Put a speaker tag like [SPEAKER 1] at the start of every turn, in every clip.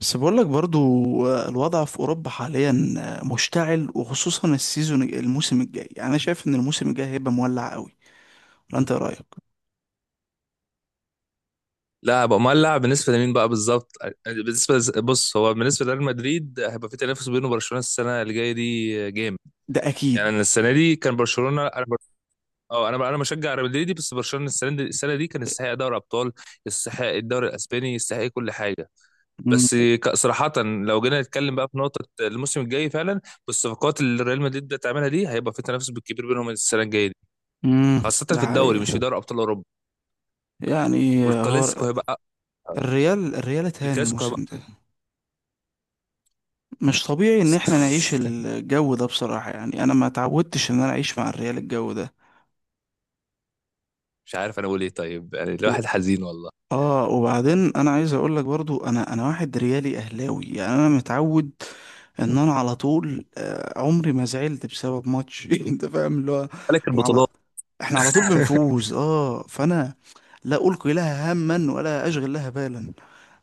[SPEAKER 1] بس بقول لك برضو. الوضع في أوروبا حاليا مشتعل، وخصوصا السيزون الموسم الجاي. يعني أنا شايف إن الموسم الجاي هيبقى مولع قوي. ولا أنت إيه رأيك؟
[SPEAKER 2] لاعب امال لاعب بالنسبه لمين بقى بالظبط؟ بص، هو بالنسبه لريال مدريد هيبقى في تنافس بينه وبرشلونه السنه اللي جايه دي جامد.
[SPEAKER 1] ده أكيد.
[SPEAKER 2] يعني انا السنه دي كان برشلونه اه، انا بشجع ريال مدريد، بس برشلونه السنه دي السنه دي كان يستحق دوري ابطال، يستحق الدوري الاسباني، يستحق كل حاجه.
[SPEAKER 1] مم.
[SPEAKER 2] صراحه، لو جينا نتكلم بقى في نقطه الموسم الجاي فعلا، بالصفقات اللي ريال مدريد بتعملها دي هيبقى في تنافس بالكبير بينهم السنه الجايه دي،
[SPEAKER 1] مم.
[SPEAKER 2] خاصه
[SPEAKER 1] ده
[SPEAKER 2] في الدوري مش في
[SPEAKER 1] حقيقة.
[SPEAKER 2] دوري ابطال اوروبا.
[SPEAKER 1] يعني هو
[SPEAKER 2] والكلاسيكو هيبقى
[SPEAKER 1] الريال اتهان
[SPEAKER 2] الكلاسيكو
[SPEAKER 1] الموسم ده. مش طبيعي إن إحنا نعيش
[SPEAKER 2] هيبقى
[SPEAKER 1] الجو ده بصراحة، يعني أنا ما تعودتش إن أنا أعيش مع الريال الجو ده.
[SPEAKER 2] مش عارف انا اقول ايه، طيب يعني
[SPEAKER 1] و-
[SPEAKER 2] الواحد حزين والله.
[SPEAKER 1] آه وبعدين أنا عايز أقول لك برضو، أنا واحد ريالي أهلاوي. يعني أنا متعود ان انا على طول، عمري ما زعلت بسبب ماتش. انت فاهم اللي هو،
[SPEAKER 2] ملك
[SPEAKER 1] احنا على
[SPEAKER 2] البطولات.
[SPEAKER 1] احنا على طول بنفوز، اه فانا لا القي لها هما ولا اشغل لها بالا.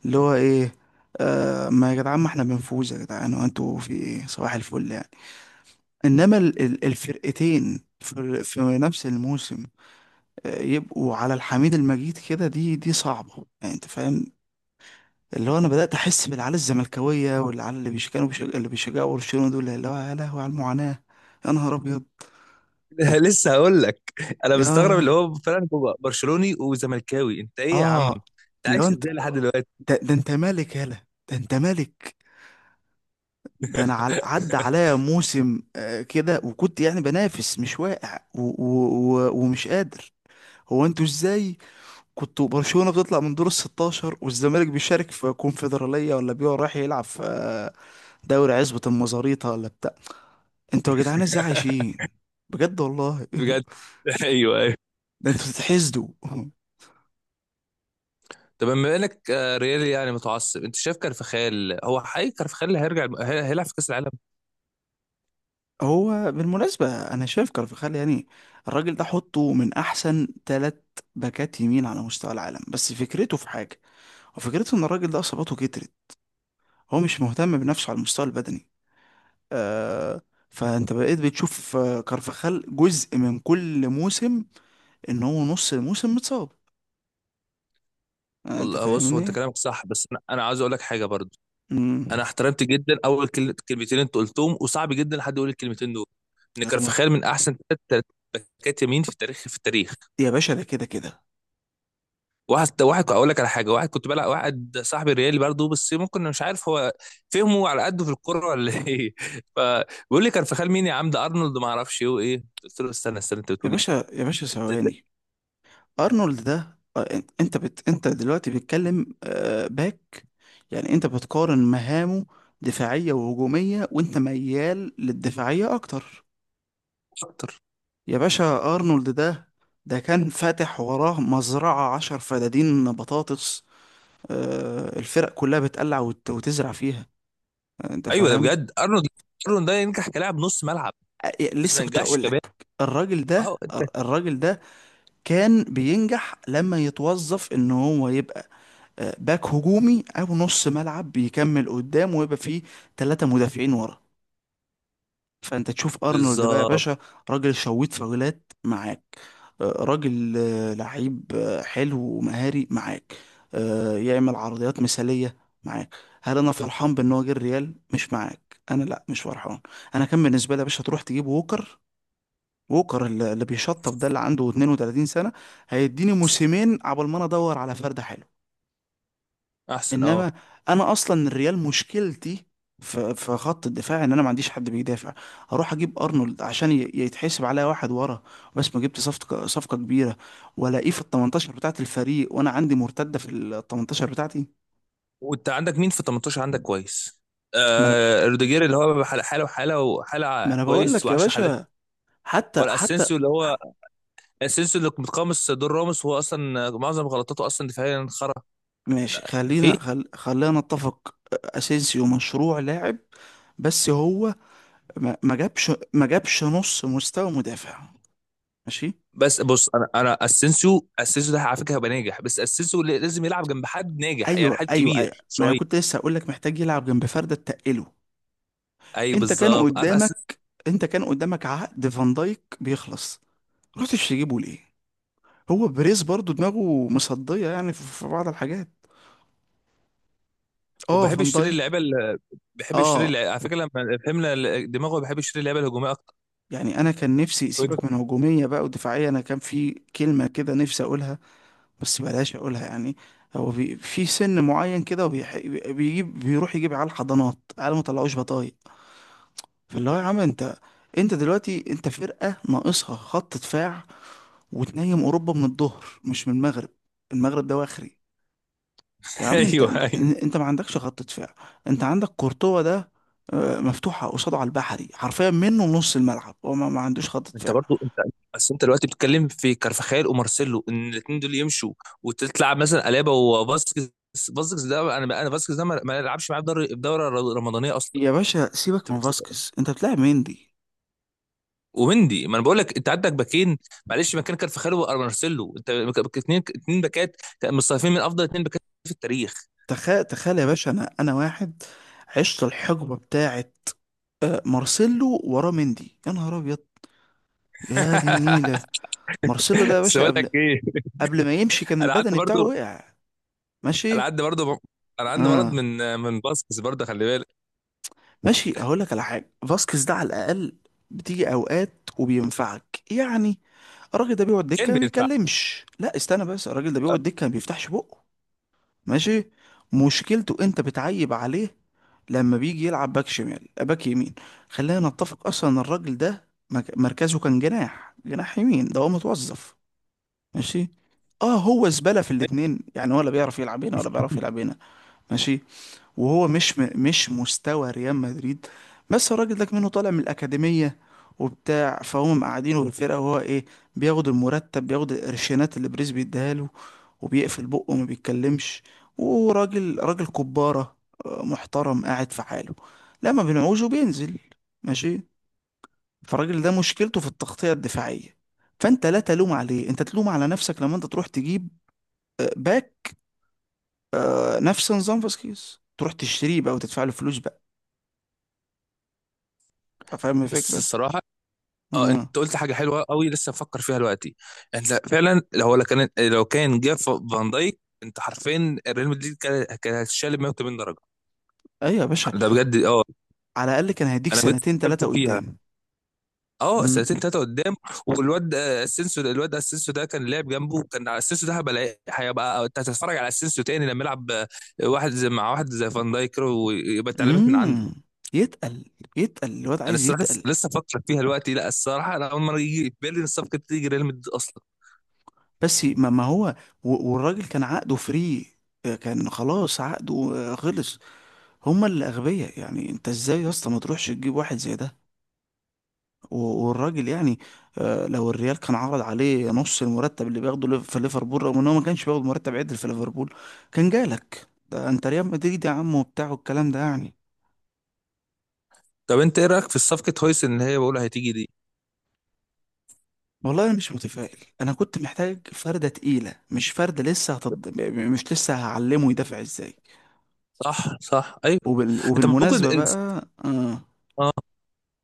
[SPEAKER 1] اللي هو ايه؟ ما يا جدعان، ما احنا بنفوز يا جدعان، وانتوا في ايه صباح الفل يعني. انما الفرقتين في نفس الموسم يبقوا على الحميد المجيد كده، دي صعبة يعني. انت فاهم اللي هو، انا بدات احس بالعيال الزملكاويه والعيال اللي بيشجعوا برشلونه دول. اللي هو يا لهوي على المعاناه، يا نهار ابيض،
[SPEAKER 2] لسه هقول لك، انا
[SPEAKER 1] يا
[SPEAKER 2] مستغرب اللي هو فعلا هو برشلوني وزملكاوي، انت ايه يا عم؟
[SPEAKER 1] اه
[SPEAKER 2] انت
[SPEAKER 1] اللي هو
[SPEAKER 2] عايش
[SPEAKER 1] انت،
[SPEAKER 2] ازاي لحد دلوقتي؟
[SPEAKER 1] ده انت مالك، يالا ده انت مالك. ده انا عدى عليا موسم كده، وكنت يعني بنافس، مش واقع، و و و ومش قادر. هو انتوا ازاي كنتوا؟ برشلونة بتطلع من دور ال 16، والزمالك بيشارك في كونفدرالية، ولا بيقع رايح يلعب في دوري عزبة المزاريطة، ولا انتوا يا جدعان ازاي عايشين؟ بجد والله.
[SPEAKER 2] بجد. ايوه، ايوه.
[SPEAKER 1] ده انتوا بتتحسدوا.
[SPEAKER 2] طب بما انك ريالي يعني متعصب، انت شايف كارفخال؟ هو حقيقي كارفخال اللي هيرجع هيلعب في كاس العالم؟
[SPEAKER 1] هو بالمناسبة أنا شايف كارفخال يعني، الراجل ده حطه من أحسن 3 باكات يمين على مستوى العالم، بس فكرته في حاجة، وفكرته إن الراجل ده إصاباته كترت. هو مش مهتم بنفسه على المستوى البدني. آه، فأنت بقيت بتشوف كارفخال جزء من كل موسم، إن هو نص الموسم متصاب. آه، أنت
[SPEAKER 2] والله بص، هو انت
[SPEAKER 1] فاهمني؟
[SPEAKER 2] كلامك صح، بس انا عاوز اقول لك حاجه برضو.
[SPEAKER 1] امم.
[SPEAKER 2] انا احترمت جدا اول كلمتين انت قلتهم، وصعب جدا حد يقول الكلمتين دول، ان
[SPEAKER 1] هو
[SPEAKER 2] كارفخال من احسن ثلاث باكات يمين في التاريخ في التاريخ.
[SPEAKER 1] يا باشا، ده كده كده.
[SPEAKER 2] واحد واحد اقول لك على حاجه، واحد كنت بلعب، واحد صاحبي ريالي برضه، بس ممكن مش عارف هو فهمه على قده في الكوره ولا ايه. فبيقول لي كارفخال مين يا عم ده؟ ارنولد ما اعرفش ايه وايه. قلت له استنى استنى، انت
[SPEAKER 1] يا
[SPEAKER 2] بتقول ايه؟
[SPEAKER 1] باشا يا باشا
[SPEAKER 2] انت
[SPEAKER 1] ثواني، ارنولد ده انت دلوقتي بتتكلم باك. يعني انت بتقارن مهامه دفاعية وهجومية، وانت ميال للدفاعية اكتر.
[SPEAKER 2] شاطر.
[SPEAKER 1] يا باشا، ارنولد ده كان فاتح وراه مزرعة 10 فدادين بطاطس، الفرق كلها بتقلع وتزرع فيها. انت
[SPEAKER 2] ايوه ده
[SPEAKER 1] فاهم.
[SPEAKER 2] بجد ارنولد. ارنولد ده ينجح كلاعب نص ملعب، بس ما
[SPEAKER 1] لسه كنت
[SPEAKER 2] ينجحش
[SPEAKER 1] اقول
[SPEAKER 2] كباب.
[SPEAKER 1] لك، الراجل ده
[SPEAKER 2] اه انت.
[SPEAKER 1] الراجل ده كان بينجح لما يتوظف ان هو يبقى باك هجومي او نص ملعب، بيكمل قدام ويبقى فيه 3 مدافعين ورا. فانت تشوف ارنولد بقى يا
[SPEAKER 2] بالظبط.
[SPEAKER 1] باشا، راجل شويت فاولات معاك، راجل لعيب حلو ومهاري معاك، يعمل عرضيات مثالية معاك. هل انا فرحان بان هو جه الريال مش معاك؟ انا لا، مش فرحان. انا كان بالنسبة لي يا باشا تروح تجيب ووكر. ووكر اللي بيشطف ده، اللي عنده 32 سنة، هيديني موسمين عبال ما انا ادور على فرد حلو.
[SPEAKER 2] احسن اه.
[SPEAKER 1] انما انا اصلا الريال مشكلتي في خط الدفاع، ان انا ما عنديش حد بيدافع. اروح اجيب ارنولد عشان يتحسب عليا واحد ورا، بس ما جبت صفقه كبيره والاقيه في ال 18 بتاعت الفريق، وانا عندي مرتده في ال 18 بتاعتي.
[SPEAKER 2] وانت عندك مين في 18؟ عندك كويس،
[SPEAKER 1] ما انا
[SPEAKER 2] آه روديجير اللي هو حاله حاله وحاله
[SPEAKER 1] ما
[SPEAKER 2] وحاله
[SPEAKER 1] انا بقول
[SPEAKER 2] كويس
[SPEAKER 1] لك يا
[SPEAKER 2] و10 حالات،
[SPEAKER 1] باشا، حتى
[SPEAKER 2] ولا
[SPEAKER 1] حتى.
[SPEAKER 2] اسينسيو اللي هو سينسو اللي متقمص دور راموس، هو اصلا معظم غلطاته اصلا دفاعيا خرا
[SPEAKER 1] ماشي،
[SPEAKER 2] فيه.
[SPEAKER 1] خلينا نتفق. اسينسيو مشروع لاعب، بس هو ما جابش نص مستوى مدافع. ماشي.
[SPEAKER 2] بس بص، انا اسينسيو ده على فكره هيبقى ناجح، بس اسينسيو لازم يلعب جنب حد ناجح، يعني
[SPEAKER 1] ايوه،
[SPEAKER 2] حد
[SPEAKER 1] ايوه، ايوه،
[SPEAKER 2] كبير
[SPEAKER 1] ما انا
[SPEAKER 2] شويه.
[SPEAKER 1] كنت لسه هقول لك محتاج يلعب جنب فرده تقله.
[SPEAKER 2] ايوه
[SPEAKER 1] انت كان
[SPEAKER 2] بالظبط، عارف اسينسيو.
[SPEAKER 1] قدامك انت كان قدامك عقد فان دايك بيخلص، رحتش تجيبه ليه؟ هو بريز برضو دماغه مصديه يعني في بعض الحاجات.
[SPEAKER 2] هو
[SPEAKER 1] اه،
[SPEAKER 2] بيحب
[SPEAKER 1] فان
[SPEAKER 2] يشتري
[SPEAKER 1] دايك.
[SPEAKER 2] اللعيبه اللي بيحب يشتري
[SPEAKER 1] اه،
[SPEAKER 2] اللعيبة. على فكره لما فهمنا دماغه، بيحب يشتري اللعيبه الهجوميه اكتر.
[SPEAKER 1] يعني انا كان نفسي، سيبك من هجوميه بقى ودفاعيه، انا كان في كلمه كده نفسي اقولها بس بلاش اقولها يعني. هو في سن معين كده، وبيح- بيجيب بيروح يجيب على الحضانات على ما طلعوش بطايق. فاللي هو يا عم انت انت دلوقتي انت فرقة ناقصها خط دفاع، وتنيم اوروبا من الظهر مش من المغرب. المغرب ده واخري. يا عم،
[SPEAKER 2] ايوه، ايوه.
[SPEAKER 1] انت ما عندكش خط دفاع. انت عندك كورتوا ده مفتوحة قصاده على البحري، حرفيا منه نص الملعب، هو ما عندوش خط
[SPEAKER 2] انت
[SPEAKER 1] دفاع.
[SPEAKER 2] برضو انت بس انت دلوقتي بتتكلم في كارفاخال ومارسيلو ان الاثنين دول يمشوا، وتطلع مثلا الابا وفاسكيز. فاسكيز ده انا فاسكيز ده ما يلعبش معايا في في الدوره الرمضانيه اصلا.
[SPEAKER 1] يا باشا سيبك
[SPEAKER 2] انت
[SPEAKER 1] من
[SPEAKER 2] بت...
[SPEAKER 1] فاسكيز، انت بتلعب مندي.
[SPEAKER 2] ومندي، ما انا بقول لك انت عندك باكين، معلش مكان كارفاخال ومارسيلو. انت اثنين باكات مصنفين من افضل اثنين باكات في التاريخ.
[SPEAKER 1] تخيل تخيل يا باشا، انا واحد عشت الحقبة بتاعت مارسيلو وراه مندي. يا نهار ابيض، يا دي النيلة. مارسيلو ده يا
[SPEAKER 2] بس
[SPEAKER 1] باشا،
[SPEAKER 2] بقول لك ايه.
[SPEAKER 1] قبل ما يمشي كان
[SPEAKER 2] انا عندي
[SPEAKER 1] البدني بتاعه
[SPEAKER 2] برضو
[SPEAKER 1] وقع.
[SPEAKER 2] انا
[SPEAKER 1] ماشي.
[SPEAKER 2] عندي برضو انا عندي مرض
[SPEAKER 1] اه،
[SPEAKER 2] من باسكس برضه، خلي بالك.
[SPEAKER 1] ماشي، هقول لك على حاجه. فاسكيز ده على الاقل بتيجي اوقات وبينفعك يعني. الراجل ده بيقعد دكه
[SPEAKER 2] كان
[SPEAKER 1] ما
[SPEAKER 2] بينفع.
[SPEAKER 1] بيتكلمش. لا استنى، بس الراجل ده بيقعد دكه ما بيفتحش بقه. ماشي. مشكلته، انت بتعيب عليه لما بيجي يلعب باك شمال باك يمين. خلينا نتفق اصلا إن الراجل ده مركزه كان جناح يمين، ده هو متوظف. ماشي. اه، هو زبالة في الاتنين يعني، ولا بيعرف يلعب هنا ولا بيعرف يلعب هنا. ماشي. وهو مش مش مستوى ريال مدريد، بس الراجل ده منه طالع من الأكاديمية وبتاع، فهم مقعدينه بالفرقة وهو ايه، بياخد المرتب، بياخد القرشينات اللي بريز بيديها له، وبيقفل بقه وما بيتكلمش، راجل كبارة محترم قاعد في حاله، لما بنعوزه بينزل. ماشي. فالراجل ده مشكلته في التغطية الدفاعية، فانت لا تلوم عليه، انت تلوم على نفسك لما انت تروح تجيب باك نفس نظام فاسكيز، تروح تشتريه بقى وتدفع له فلوس بقى. أنت فاهم
[SPEAKER 2] بس
[SPEAKER 1] الفكرة.
[SPEAKER 2] الصراحه اه،
[SPEAKER 1] امم.
[SPEAKER 2] انت قلت حاجه حلوه قوي لسه بفكر فيها دلوقتي. انت فعلا لو لو كان جاب فان دايك، انت حرفيا ريال مدريد كان هيتشال 180 درجه.
[SPEAKER 1] ايوه يا باشا،
[SPEAKER 2] ده بجد اه.
[SPEAKER 1] على الاقل كان هيديك
[SPEAKER 2] انا بجد
[SPEAKER 1] سنتين
[SPEAKER 2] فكرت
[SPEAKER 1] ثلاثه
[SPEAKER 2] فيها،
[SPEAKER 1] قدام.
[SPEAKER 2] اه سنتين
[SPEAKER 1] امم.
[SPEAKER 2] ثلاثه قدام. والواد اسينسيو، الواد اسينسيو ده كان لعب جنبه، كان اسينسيو ده هيبقى، انت هتتفرج على اسينسيو تاني لما يلعب واحد زي مع واحد زي فان دايك كده، ويبقى اتعلمت من عنده.
[SPEAKER 1] امم. يتقل يتقل الواد،
[SPEAKER 2] انا
[SPEAKER 1] عايز
[SPEAKER 2] الصراحه لسه
[SPEAKER 1] يتقل.
[SPEAKER 2] لسه بفكر فيها دلوقتي، لا الصراحه انا اول مره يجي في بالي ان الصفقه تيجي ريال مدريد اصلا.
[SPEAKER 1] بس ما هو والراجل كان عقده فري، كان خلاص عقده خلص. هما اللي اغبياء يعني، انت ازاي يا اسطى ما تروحش تجيب واحد زي ده؟ والراجل يعني، لو الريال كان عرض عليه نص المرتب اللي بياخده في ليفربول، رغم ان هو ما كانش بياخد مرتب عدل في ليفربول، كان جالك. ده انت ريال مدريد يا عم وبتاع، والكلام ده يعني.
[SPEAKER 2] طب انت ايه رايك في صفقه هويس اللي هي بقول هتيجي دي؟
[SPEAKER 1] والله انا مش متفائل، انا كنت محتاج فرده تقيله، مش فرده لسه مش لسه هعلمه يدافع ازاي.
[SPEAKER 2] صح، صح، ايوه. انت ممكن
[SPEAKER 1] وبالمناسبه بقى،
[SPEAKER 2] اه.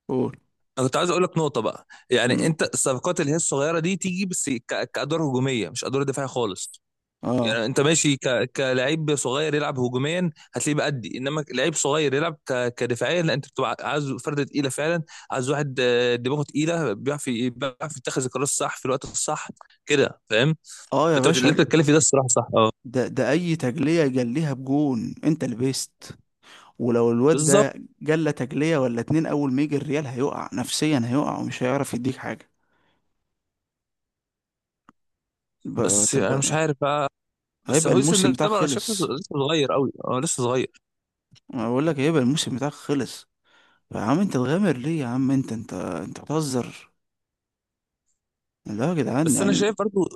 [SPEAKER 1] قول.
[SPEAKER 2] انا كنت عايز اقول لك نقطه بقى، يعني
[SPEAKER 1] مم.
[SPEAKER 2] انت الصفقات اللي هي الصغيره دي تيجي بس كادوار هجوميه مش ادوار دفاعيه خالص.
[SPEAKER 1] اه.
[SPEAKER 2] يعني انت ماشي كلاعب صغير يلعب هجوميا هتلاقيه بأدي، انما لعيب صغير يلعب كدفاعيا لا، انت بتبقى عايز فرده تقيله فعلا، عايز واحد دماغه تقيله بيعرف بيعرف يتخذ القرار الصح في الوقت الصح، كده فاهم.
[SPEAKER 1] اه، يا
[SPEAKER 2] اللي
[SPEAKER 1] باشا،
[SPEAKER 2] انت بتتكلم فيه ده الصراحه صح اه.
[SPEAKER 1] ده اي تجليه جليها بجون انت لبست. ولو الواد
[SPEAKER 2] بالظبط.
[SPEAKER 1] ده جلى تجليه ولا اتنين، اول ما يجي الريال هيقع نفسيا، هيقع ومش هيعرف يديك حاجه.
[SPEAKER 2] بس انا مش
[SPEAKER 1] تبقى
[SPEAKER 2] عارف، بس
[SPEAKER 1] هيبقى
[SPEAKER 2] هويسن
[SPEAKER 1] الموسم
[SPEAKER 2] ده
[SPEAKER 1] بتاعك
[SPEAKER 2] بقى انا شايفه لسه
[SPEAKER 1] خلص.
[SPEAKER 2] صغير قوي، اه لسه صغير.
[SPEAKER 1] انا بقول لك هيبقى الموسم بتاعك خلص. يا عم انت تغامر ليه؟ يا عم انت بتهزر. لا يا جدعان
[SPEAKER 2] بس انا
[SPEAKER 1] يعني.
[SPEAKER 2] شايف برضو.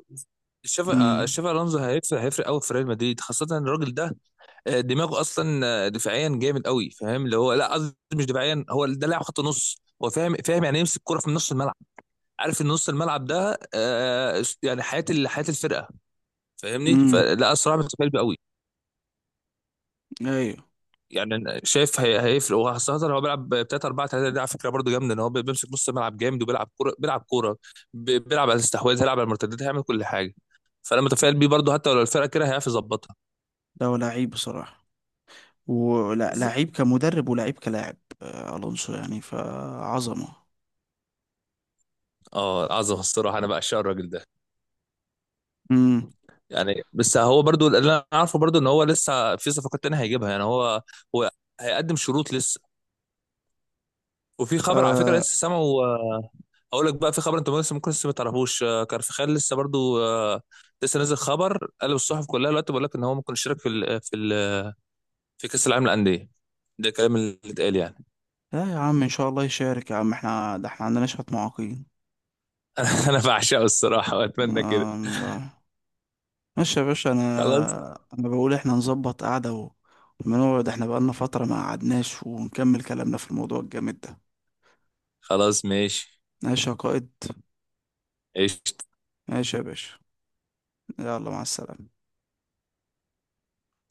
[SPEAKER 2] شاف
[SPEAKER 1] امم.
[SPEAKER 2] الونزو هيفرق قوي في ريال مدريد، خاصه ان الراجل ده دماغه اصلا دفاعيا جامد قوي، فاهم اللي هو، لا قصدي مش دفاعيا، هو ده لاعب خط نص، هو فاهم، فاهم يعني إيه يمسك الكره في نص الملعب، عارف ان نص الملعب ده يعني حياه حياه الفرقه، فاهمني.
[SPEAKER 1] امم.
[SPEAKER 2] فلا الصراحه متفائل بيه قوي.
[SPEAKER 1] ايوه.
[SPEAKER 2] يعني أنا شايف هيفرق، وخاصة هو بيلعب 3 4 3 دي، على فكرة برضه جامدة ان هو بيمسك نص الملعب جامد، وبيلعب كورة، بيلعب كورة، بيلعب على الاستحواذ، هيلعب على المرتدات، هيعمل كل حاجة. فأنا متفائل بيه برضه، حتى لو الفرقة كده هيعرف يظبطها.
[SPEAKER 1] ده هو لعيب بصراحة، ولا لعيب كمدرب ولعيب كلاعب الونسو يعني، فعظمة.
[SPEAKER 2] اه عظمة الصراحة، انا بعشق الراجل ده.
[SPEAKER 1] امم.
[SPEAKER 2] يعني بس هو برضه اللي انا عارفه برضه ان هو لسه في صفقات تانية هيجيبها، يعني هو هيقدم شروط لسه. وفي خبر على فكرة
[SPEAKER 1] آه
[SPEAKER 2] لسه سامعه اقول لك بقى. في خبر انت لسه ممكن لسه ما تعرفوش كارفخال لسه برضو لسه نازل خبر قلب الصحف كلها دلوقتي، بيقول لك ان هو ممكن يشارك في ال آه، في ال آه، في كاس العالم للانديه. ده الكلام اللي اتقال يعني.
[SPEAKER 1] لا يا عم، ان شاء الله يشارك يا عم، احنا ده احنا عندنا شوية معاقين.
[SPEAKER 2] انا بعشقه الصراحه واتمنى كده.
[SPEAKER 1] الله. ماشي يا باشا، انا
[SPEAKER 2] خلاص.
[SPEAKER 1] انا بقول احنا نظبط قعدة ونقعد، احنا بقالنا فترة ما قعدناش، ونكمل كلامنا في الموضوع الجامد ده.
[SPEAKER 2] خلاص ماشي.
[SPEAKER 1] ماشي يا قائد.
[SPEAKER 2] ايش
[SPEAKER 1] ماشي يا باشا. يلا مع السلامة.